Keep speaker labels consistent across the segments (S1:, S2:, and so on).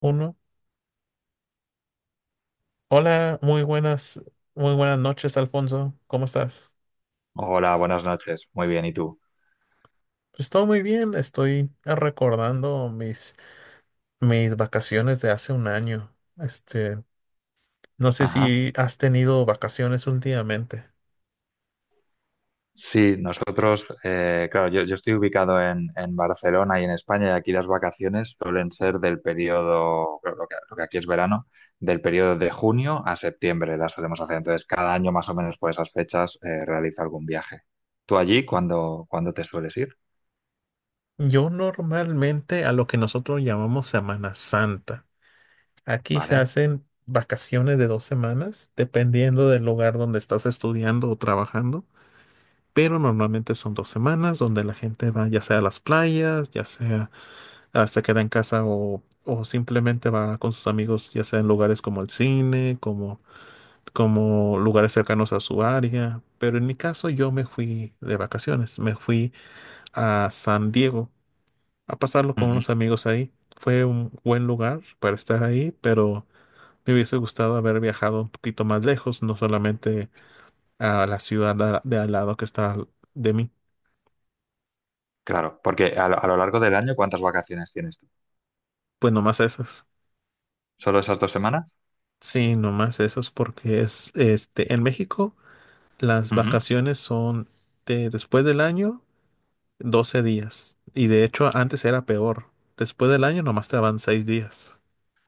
S1: Uno. Hola, muy buenas noches, Alfonso. ¿Cómo estás?
S2: Hola, buenas noches. Muy bien, ¿y tú?
S1: Estoy muy bien, estoy recordando mis vacaciones de hace un año. Este, no sé
S2: Ajá.
S1: si has tenido vacaciones últimamente.
S2: Sí, nosotros, claro, yo estoy ubicado en Barcelona y en España, y aquí las vacaciones suelen ser del periodo, claro, lo que aquí es verano, del periodo de junio a septiembre las solemos hacer. Entonces, cada año más o menos por esas fechas realizo algún viaje. ¿Tú allí cuándo te sueles ir?
S1: Yo normalmente a lo que nosotros llamamos Semana Santa. Aquí se
S2: Vale.
S1: hacen vacaciones de dos semanas, dependiendo del lugar donde estás estudiando o trabajando. Pero normalmente son dos semanas donde la gente va ya sea a las playas, ya sea se queda en casa o simplemente va con sus amigos, ya sea en lugares como el cine, como, como lugares cercanos a su área. Pero en mi caso yo me fui de vacaciones, me fui a San Diego a pasarlo con
S2: Ujú.
S1: unos amigos ahí. Fue un buen lugar para estar ahí, pero me hubiese gustado haber viajado un poquito más lejos, no solamente a la de al lado que está de mí.
S2: Claro, porque a lo largo del año, ¿cuántas vacaciones tienes tú?
S1: Pues nomás esas.
S2: ¿Solo esas dos semanas?
S1: Sí, nomás esos porque es este en México. Las
S2: Ujú.
S1: vacaciones son de después del año, 12 días. Y de hecho, antes era peor. Después del año nomás te daban 6 días.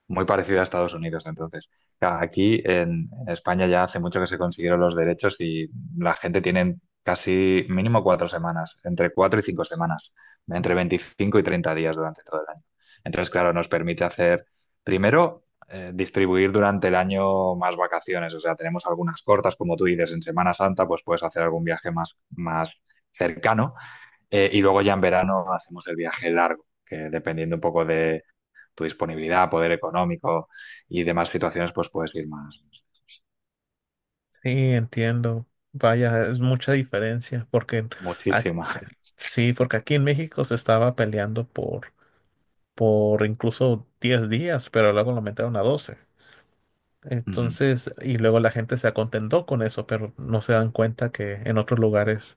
S2: Muy parecida a Estados Unidos. Entonces, claro, aquí en España ya hace mucho que se consiguieron los derechos y la gente tiene casi mínimo 4 semanas, entre 4 y 5 semanas, entre 25 y 30 días durante todo el año. Entonces, claro, nos permite hacer, primero, distribuir durante el año más vacaciones. O sea, tenemos algunas cortas, como tú dices, en Semana Santa, pues puedes hacer algún viaje más cercano. Y luego ya en verano hacemos el viaje largo, que dependiendo un poco de tu disponibilidad, poder económico y demás situaciones, pues puedes ir más,
S1: Sí, entiendo. Vaya, es mucha diferencia, porque a-
S2: muchísimas.
S1: sí, porque aquí en México se estaba peleando por incluso 10 días, pero luego lo aumentaron a 12.
S2: Ujú.
S1: Entonces, y luego la gente se acontentó con eso, pero no se dan cuenta que en otros lugares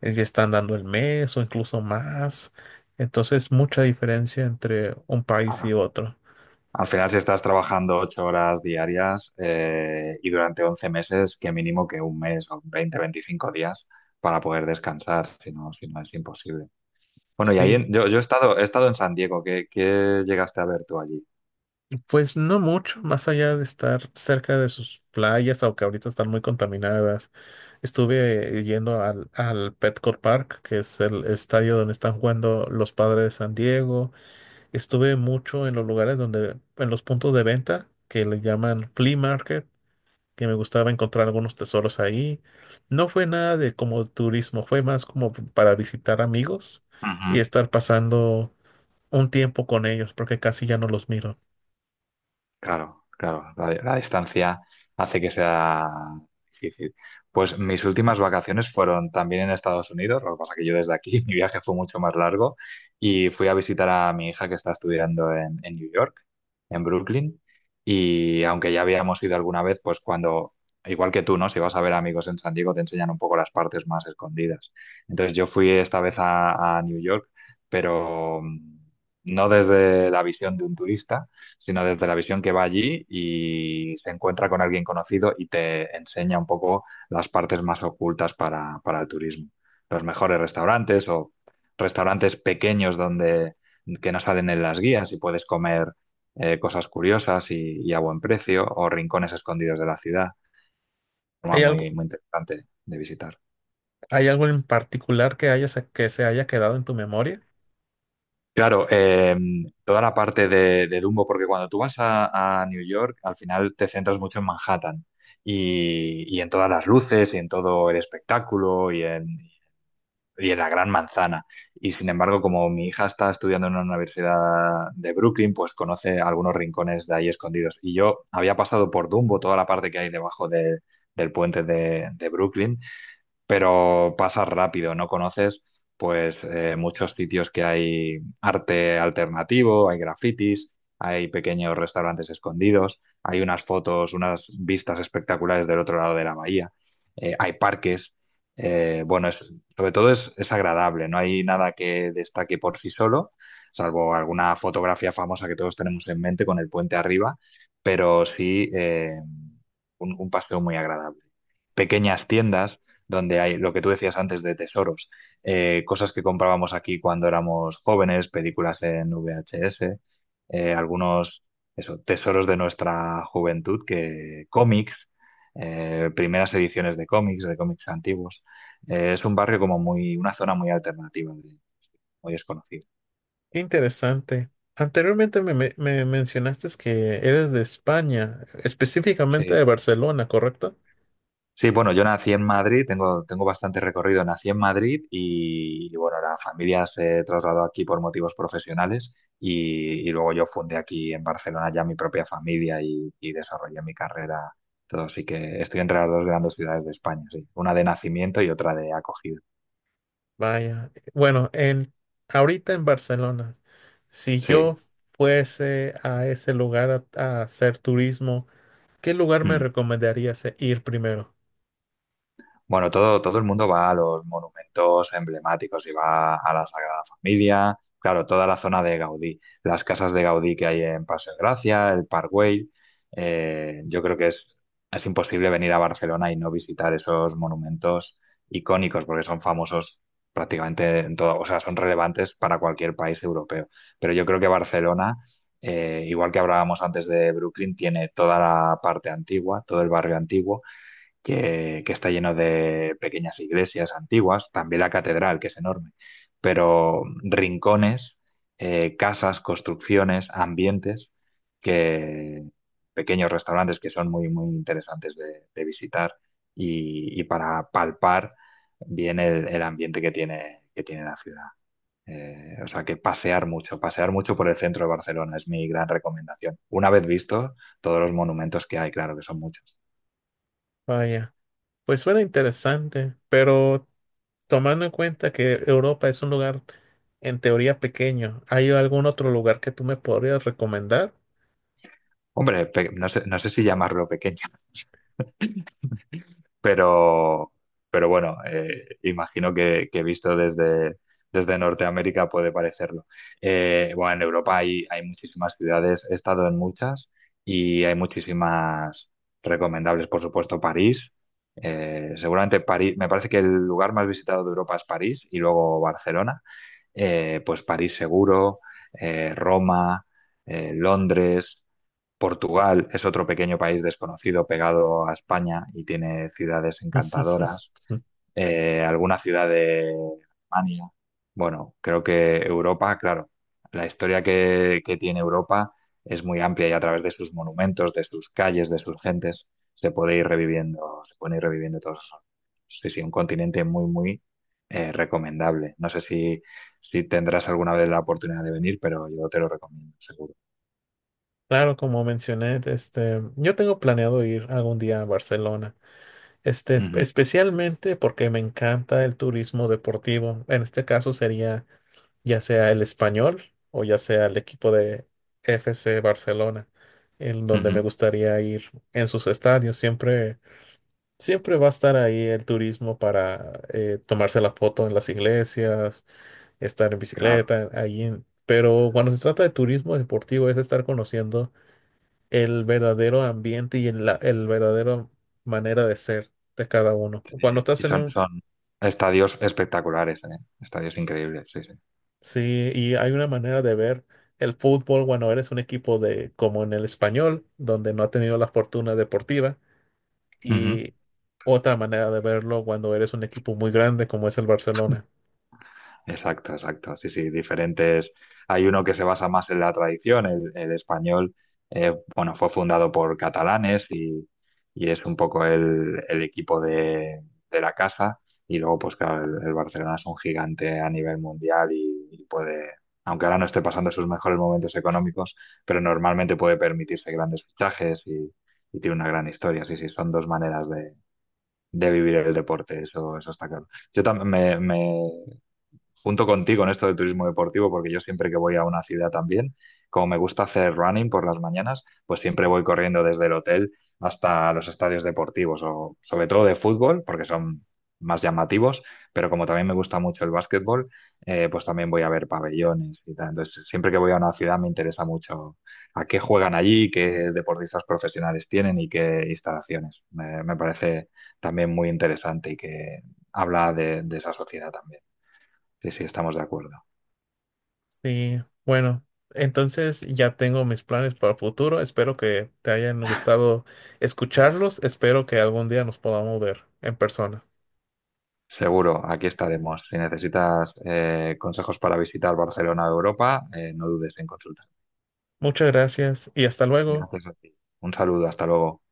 S1: que están dando el mes o incluso más. Entonces, mucha diferencia entre un país y
S2: Claro.
S1: otro.
S2: Al final, si estás trabajando 8 horas diarias y durante 11 meses, que mínimo que un mes o 25 días para poder descansar, si no, si no es imposible. Bueno, y ahí
S1: Sí,
S2: en- yo he estado en San Diego, ¿qué, qué llegaste a ver tú allí?
S1: pues no mucho, más allá de estar cerca de sus playas, aunque ahorita están muy contaminadas. Estuve yendo al, al Petco Park, que es el estadio donde están jugando los Padres de San Diego. Estuve mucho en los lugares donde, en los puntos de venta que le llaman flea market, que me gustaba encontrar algunos tesoros ahí. No fue nada de como turismo, fue más como para visitar amigos y estar pasando un tiempo con ellos, porque casi ya no los miro.
S2: Claro, claro, la distancia hace que sea difícil. Pues mis últimas vacaciones fueron también en Estados Unidos, lo que pasa que yo desde aquí, mi viaje fue mucho más largo y fui a visitar a mi hija que está estudiando en New York, en Brooklyn, y aunque ya habíamos ido alguna vez, pues cuando, igual que tú, ¿no? Si vas a ver amigos en San Diego, te enseñan un poco las partes más escondidas. Entonces yo fui esta vez a New York, pero no desde la visión de un turista sino desde la visión que va allí y se encuentra con alguien conocido y te enseña un poco las partes más ocultas para el turismo. Los mejores restaurantes o restaurantes pequeños donde que no salen en las guías y puedes comer cosas curiosas y a buen precio, o rincones escondidos de la ciudad. Una
S1: ¿Hay
S2: muy,
S1: algo,
S2: muy interesante de visitar.
S1: hay algo en particular que haya que se haya quedado en tu memoria?
S2: Claro, toda la parte de Dumbo, porque cuando tú vas a New York, al final te centras mucho en Manhattan y en todas las luces y en todo el espectáculo y en la gran manzana. Y sin embargo, como mi hija está estudiando en una universidad de Brooklyn, pues conoce algunos rincones de ahí escondidos. Y yo había pasado por Dumbo, toda la parte que hay debajo de- del puente de Brooklyn, pero pasas rápido, no conoces pues muchos sitios que hay arte alternativo, hay grafitis, hay pequeños restaurantes escondidos, hay unas fotos, unas vistas espectaculares del otro lado de la bahía, hay parques. Bueno, es- sobre todo es agradable, no hay nada que destaque por sí solo, salvo alguna fotografía famosa que todos tenemos en mente con el puente arriba, pero sí un paseo muy agradable, pequeñas tiendas donde hay lo que tú decías antes de tesoros, cosas que comprábamos aquí cuando éramos jóvenes, películas en VHS, algunos eso, tesoros de nuestra juventud, que cómics, primeras ediciones de cómics antiguos. Es un barrio como muy, una zona muy alternativa, muy desconocida.
S1: Qué interesante. Anteriormente me mencionaste que eres de España, específicamente
S2: Sí.
S1: de Barcelona, ¿correcto?
S2: Sí, bueno, yo nací en Madrid, tengo, tengo bastante recorrido, nací en Madrid y, bueno, la familia se trasladó aquí por motivos profesionales y luego yo fundé aquí en Barcelona ya mi propia familia y desarrollé mi carrera, todo, así que estoy entre las dos grandes ciudades de España, sí, una de nacimiento y otra de acogida,
S1: Vaya. Bueno, en ahorita en Barcelona. Si
S2: sí.
S1: yo fuese a ese lugar a hacer turismo, ¿qué lugar me
S2: Hmm.
S1: recomendarías ir primero?
S2: Bueno, todo el mundo va a los monumentos emblemáticos y va a la Sagrada Familia, claro, toda la zona de Gaudí, las casas de Gaudí que hay en Paseo de Gracia, el Parkway. Yo creo que es imposible venir a Barcelona y no visitar esos monumentos icónicos porque son famosos prácticamente en todo, o sea, son relevantes para cualquier país europeo. Pero yo creo que Barcelona, igual que hablábamos antes de Brooklyn, tiene toda la parte antigua, todo el barrio antiguo que está lleno de pequeñas iglesias antiguas, también la catedral, que es enorme, pero rincones, casas, construcciones, ambientes, que pequeños restaurantes que son muy, muy interesantes de visitar y para palpar bien el ambiente que tiene la ciudad. O sea que pasear mucho por el centro de Barcelona es mi gran recomendación. Una vez visto todos los monumentos que hay, claro que son muchos.
S1: Vaya, pues suena interesante, pero tomando en cuenta que Europa es un lugar en teoría pequeño, ¿hay algún otro lugar que tú me podrías recomendar?
S2: Hombre, pe- no sé, no sé si llamarlo pequeño, pero, pero bueno, imagino que visto desde, desde Norteamérica puede parecerlo. Bueno, en Europa hay, hay muchísimas ciudades, he estado en muchas y hay muchísimas recomendables, por supuesto, París. Seguramente París, me parece que el lugar más visitado de Europa es París y luego Barcelona, pues París seguro, Roma, Londres, Portugal es otro pequeño país desconocido pegado a España y tiene ciudades encantadoras, alguna ciudad de Alemania. Bueno, creo que Europa, claro, la historia que tiene Europa es muy amplia y a través de sus monumentos, de sus calles, de sus gentes, se puede ir reviviendo, se pueden ir reviviendo todos esos. Sí, sí, un continente muy, muy recomendable. No sé si, si tendrás alguna vez la oportunidad de venir, pero yo te lo recomiendo, seguro.
S1: Claro, como mencioné, este, yo tengo planeado ir algún día a Barcelona, este,
S2: Ujú,
S1: especialmente porque me encanta el turismo deportivo. En este caso sería ya sea el Español o ya sea el equipo de FC Barcelona, en donde me
S2: ujú.
S1: gustaría ir en sus estadios. Siempre, siempre va a estar ahí el turismo para tomarse la foto en las iglesias, estar en
S2: Claro,
S1: bicicleta, Pero cuando se trata de turismo deportivo es estar conociendo el verdadero ambiente y el verdadero manera de ser de cada uno. Cuando
S2: sí. Y
S1: estás en
S2: son,
S1: un...
S2: son estadios espectaculares, ¿eh? Estadios increíbles, sí, sí.
S1: Sí, y hay una manera de ver el fútbol cuando eres un equipo de, como en el español, donde no ha tenido la fortuna deportiva,
S2: Ujú.
S1: y otra manera de verlo cuando eres un equipo muy grande como es el Barcelona.
S2: Exacto, exacto. Sí, sí, diferentes. Hay uno que se basa más en la tradición, el español, bueno, fue fundado por catalanes y es un poco el equipo de la casa. Y luego, pues claro, el Barcelona es un gigante a nivel mundial y puede, aunque ahora no esté pasando sus mejores momentos económicos, pero normalmente puede permitirse grandes fichajes y tiene una gran historia. Sí, sí, son dos maneras de vivir el deporte, eso está claro. Yo también me- junto contigo en esto de turismo deportivo, porque yo siempre que voy a una ciudad también, como me gusta hacer running por las mañanas, pues siempre voy corriendo desde el hotel hasta los estadios deportivos, o sobre todo de fútbol, porque son más llamativos, pero como también me gusta mucho el básquetbol, pues también voy a ver pabellones y tal. Entonces, siempre que voy a una ciudad me interesa mucho a qué juegan allí, qué deportistas profesionales tienen y qué instalaciones. Me parece también muy interesante y que habla de esa sociedad también. Sí, sí, estamos de acuerdo.
S1: Sí, bueno, entonces ya tengo mis planes para el futuro. Espero que te hayan gustado escucharlos. Espero que algún día nos podamos ver en persona.
S2: Seguro, aquí estaremos. Si necesitas consejos para visitar Barcelona o Europa, no dudes en consultar.
S1: Muchas gracias y hasta luego.
S2: Gracias a ti. Un saludo, hasta luego.